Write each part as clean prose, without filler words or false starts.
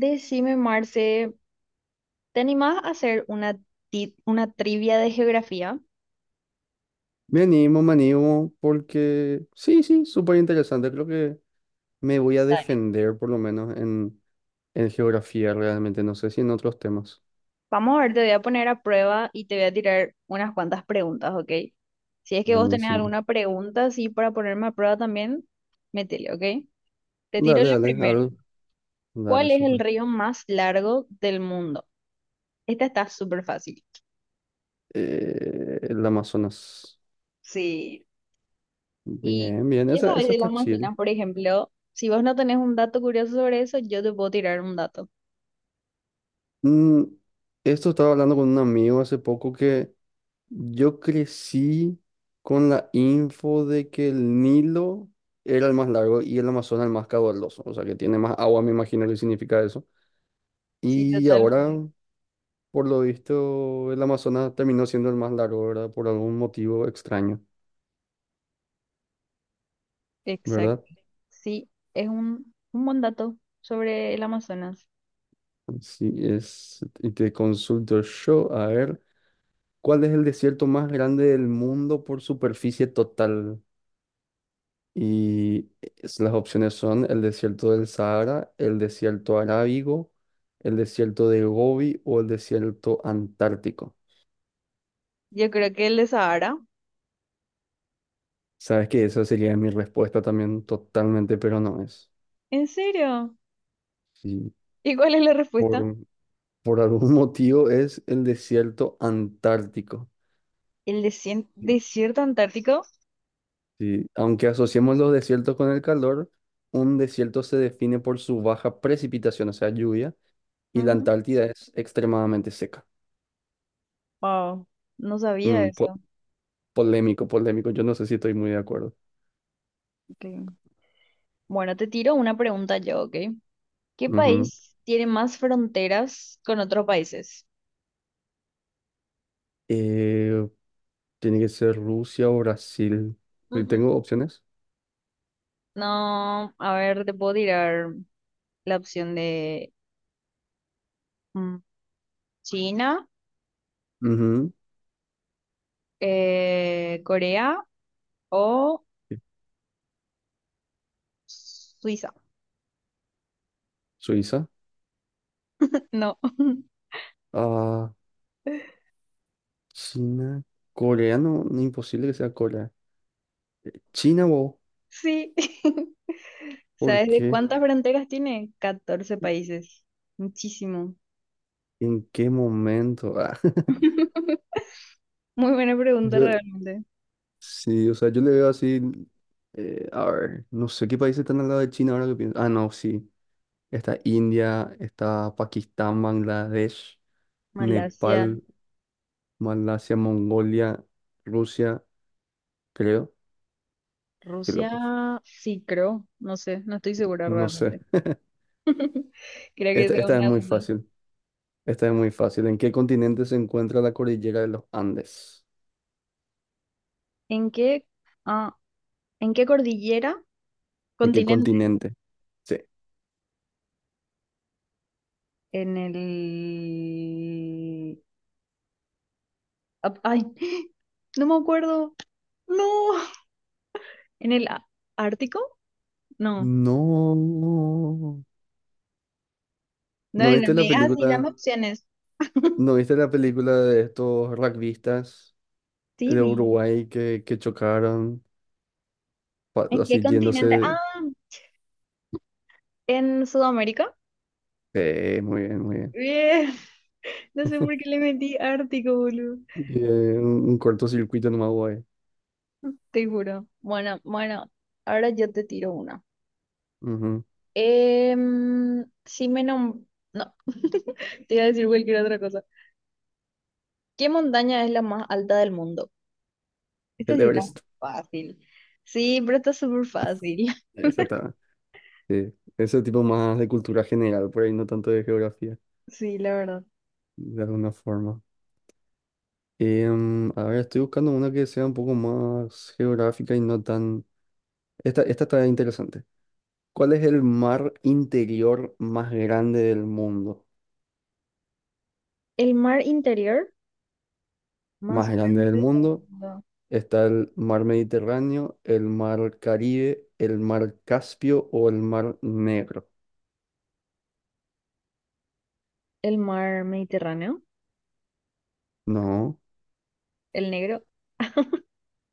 Decime, Marce, ¿te animás a hacer una, una trivia de geografía? Me animo, porque sí, sí, súper interesante. Creo que me voy a Dale. defender por lo menos en geografía realmente, no sé si en otros temas. Vamos a ver, te voy a poner a prueba y te voy a tirar unas cuantas preguntas, ¿ok? Si es que vos tenés Buenísimo. alguna pregunta así para ponerme a prueba también, métele, ¿ok? Te tiro Dale, la dale, primera. dale, dale, ¿Cuál es el súper. río más largo del mundo? Esta está súper fácil. El Amazonas. Sí. ¿Y Bien, bien, qué esa, sabes esa del está chill. Amazonas, por ejemplo? Si vos no tenés un dato curioso sobre eso, yo te puedo tirar un dato. Mm, esto estaba hablando con un amigo hace poco que yo crecí con la info de que el Nilo era el más largo y el Amazonas el más caudaloso, o sea que tiene más agua, me imagino que significa eso. Sí, Y ahora, totalmente. por lo visto, el Amazonas terminó siendo el más largo, ¿verdad? Por algún motivo extraño, Exacto. ¿verdad? Sí, es un buen dato sobre el Amazonas. Así es. Y te consulto yo, a ver, ¿cuál es el desierto más grande del mundo por superficie total? Y las opciones son el desierto del Sahara, el desierto arábigo, el desierto de Gobi o el desierto antártico. Yo creo que el de Sahara. Sabes que esa sería mi respuesta también totalmente, pero no es. ¿En serio? Sí, ¿Y cuál es la respuesta? por, por algún motivo es el desierto antártico. Sí, Desierto antártico? sí, aunque asociemos los desiertos con el calor, un desierto se define por su baja precipitación, o sea, lluvia, y la Ujú. Antártida es extremadamente seca. Wow, no sabía Mm, po- eso. Polémico, polémico. Yo no sé si estoy muy de acuerdo. Ok. Bueno, te tiro una pregunta yo, ¿ok? ¿Qué Ujú. país tiene más fronteras con otros países? Eh, Tiene que ser Rusia o Brasil. Mm, mm. ¿Tengo opciones? No, a ver, te puedo tirar la opción de mm, China, Ujú. Corea o Sí, Suiza. Suiza. No. Ah, China. Corea, no, no, imposible que sea Corea. China, wow. Sí. ¿Por ¿Sabes de qué? cuántas fronteras tiene? 14 países. Muchísimo. ¿En qué momento? Ah, Muy buena pregunta yo, realmente. sí, o sea, yo le veo así. A ver, no sé qué países están al lado de China ahora que pienso. Ah, no, sí. Está India, está Pakistán, Bangladesh, Malasia, Nepal. Malasia, Mongolia, Rusia, creo. Qué loco. Rusia, sí creo, no sé, no estoy segura No sé. realmente. Creo que Esta, sea esta es una muy duda. fácil. Esta es muy fácil. ¿En qué continente se encuentra la cordillera de los Andes? ¿En qué, ah, ¿en qué cordillera? ¿En qué Continente. continente? Sí. En el... ay, no me acuerdo. No. ¿En el Ártico? No. No. No, ¿No no viste me la digas así, película? dame opciones. ¿No viste la película de estos rugbyistas Sí, de vi. Uruguay que chocaron? ¿En qué Así continente? Ah, yéndose. en Sudamérica. Muy bien, muy bien. Bien. No sé por qué le metí Ártico, boludo. Un cortocircuito nomás, güey. Te juro. Bueno, ahora yo te tiro una. Ujú. Em, si me nom- No, te iba a decir cualquier otra cosa. ¿Qué montaña es la más alta del mundo? Esta El sí está Everest. fácil. Sí, pero está súper fácil. Exactamente. Sí, eso tipo más de cultura general, por ahí no tanto de geografía, Sí, la verdad. de alguna forma. A ver, estoy buscando una que sea un poco más geográfica y no tan... Esta está interesante. ¿Cuál es el mar interior más grande del mundo? El mar interior más Más grande del grande del mundo mundo. está el mar Mediterráneo, el mar Caribe, el mar Caspio o el mar Negro. El mar Mediterráneo, No, el negro.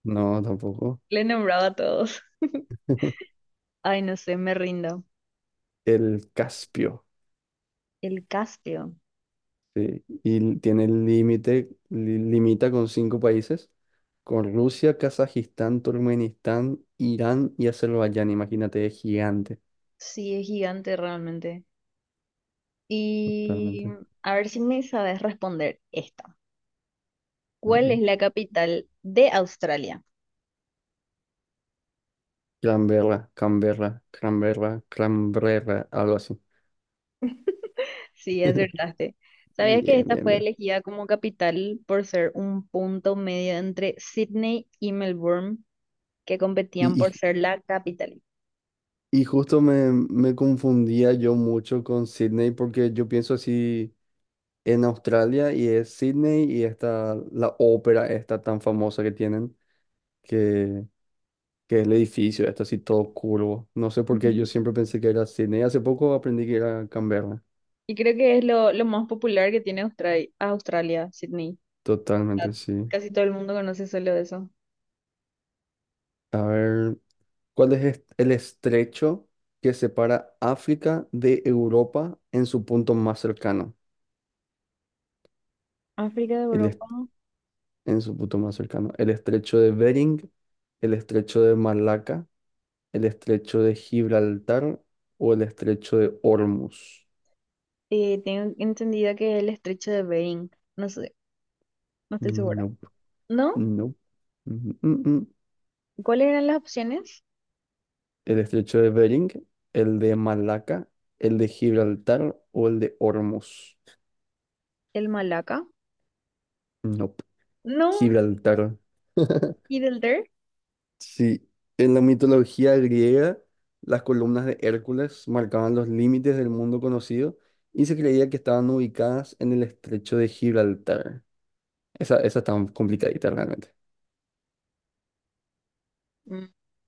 no, tampoco. Le he nombrado a todos. Ay, no sé, me rindo. El Caspio. El Caspio. Sí, y tiene el límite, limita con 5 países, con Rusia, Kazajistán, Turkmenistán, Irán y Azerbaiyán. Imagínate, es gigante. Sí, es gigante realmente. Y Totalmente. a ver si me sabes responder esta. ¿Cuál es Vale. la capital de Australia? Canberra, Canberra, Canberra, Canberra, algo así. Sí, acertaste. Bien, ¿Sabías que esta bien, fue bien. elegida como capital por ser un punto medio entre Sydney y Melbourne, que competían Y, y- por ser la capital? y justo me, me confundía yo mucho con Sydney porque yo pienso así en Australia y es Sydney y está la ópera esta tan famosa que tienen que que es el edificio, está así todo curvo. No sé por qué yo Ujú. siempre pensé que era Sydney. Hace poco aprendí que era Canberra. Y creo que es lo más popular que tiene Australia, Australia, Sydney. Ah, Totalmente, sí. casi todo el mundo conoce solo eso. A ver, ¿cuál es el estrecho que separa África de Europa en su punto más cercano? África, El Europa. est- en su punto más cercano. El estrecho de Bering, el estrecho de Malaca, el estrecho de Gibraltar o el estrecho de Hormuz. Tengo entendido que es el estrecho de Bering, no sé, no estoy segura. No, ¿No? no. ¿Cuáles eran las opciones? El estrecho de Bering, el de Malaca, el de Gibraltar o el de Hormuz. El Malaca. No, No, Gibraltar. Gibraltar. Sí, en la mitología griega, las columnas de Hércules marcaban los límites del mundo conocido y se creía que estaban ubicadas en el estrecho de Gibraltar. Esa está complicadita realmente. Mm.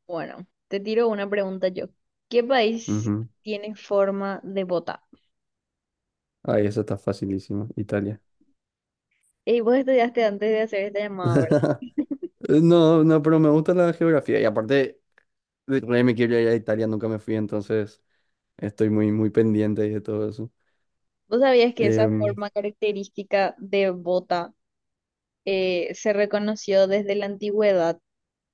Bueno, te tiro una pregunta yo. ¿Qué país Ujú. tiene forma de bota? Ay, esa está facilísima, Italia. Ey, vos estudiaste antes de hacer esta llamada, ¿verdad? No, no, pero me gusta la geografía y aparte, de re me quiero ir a Italia, nunca me fui, entonces estoy muy, muy pendiente de todo eso. ¿Vos sabías que esa Em, forma característica de bota se reconoció desde la antigüedad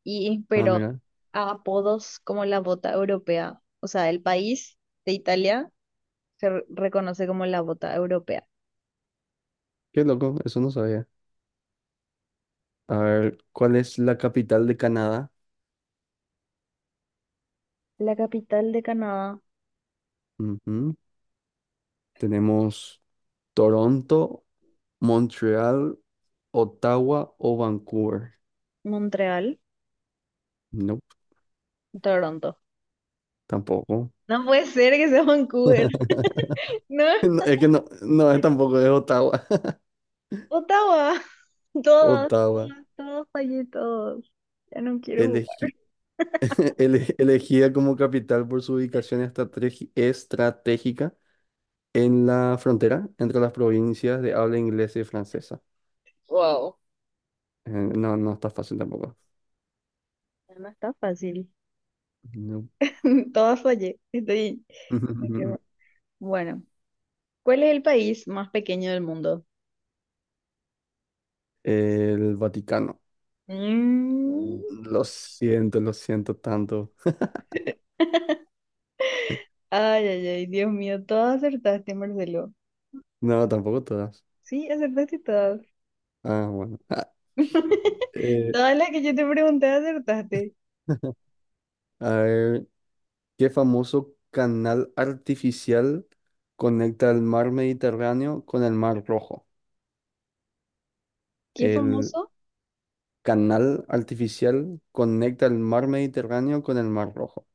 y inspiró Mira, a apodos como la bota europea? O sea, el país de Italia reconoce como la bota europea. qué loco, eso no sabía. A ver, ¿cuál es la capital de Canadá? La capital de Canadá, Ujú, tenemos Toronto, Montreal, Ottawa o Vancouver. Montreal, No, Toronto. tampoco. No puede ser que sea Vancouver. No, No, es que no, no es tampoco, es Ottawa. Ottawa. Todos, Ottawa, todos, fallé, todos. Ya no quiero jugar. elegi- elegida como capital por su ubicación estratégica en la frontera entre las provincias de habla inglesa y francesa. Wow. No, no está fácil tampoco. Ya no está fácil. No. Todas fallé. Estoy... me quedo. Bueno, ¿cuál es el país más pequeño del mundo? El Vaticano. Mm. Lo siento tanto. Ay, ay, ay, Dios mío, todas acertaste, Marcelo. No, tampoco todas. Sí, acertaste todas. Ah, bueno. Eh, Todas las que yo te pregunté acertaste. a ver, ¿qué famoso canal artificial conecta el mar Mediterráneo con el mar Rojo? ¿Qué El famoso? canal artificial conecta el mar Mediterráneo con el mar Rojo.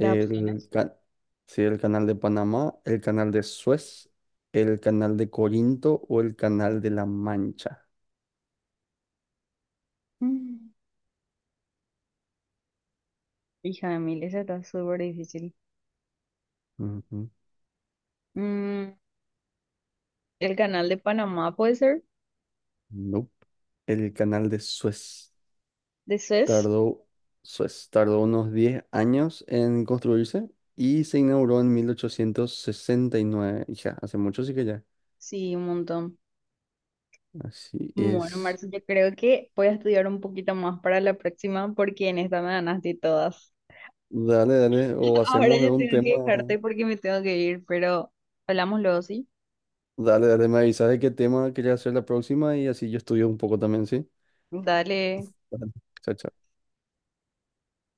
Las opciones. ca- sí, el canal de Panamá, el canal de Suez, el canal de Corinto o el canal de La Mancha. Mm, hija de mil, esa está súper difícil. Ujú. Mm, el canal de Panamá puede ser, Nope. El canal de de Suez. tardó, Suez tardó unos 10 años en construirse y se inauguró en 1869. Hija, hace mucho sí que ya. Sí, un montón. Así Bueno, es. Marce, yo creo que voy a estudiar un poquito más para la próxima porque en esta me ganaste todas. Dale, dale, o Ahora hacemos de yo un tengo tema. que dejarte porque me tengo que ir, pero hablamos luego, ¿sí? Dale, dale, me avisas de qué tema quería hacer la próxima y así yo estudio un poco también, ¿sí? Dale. Dale. Chao, chao.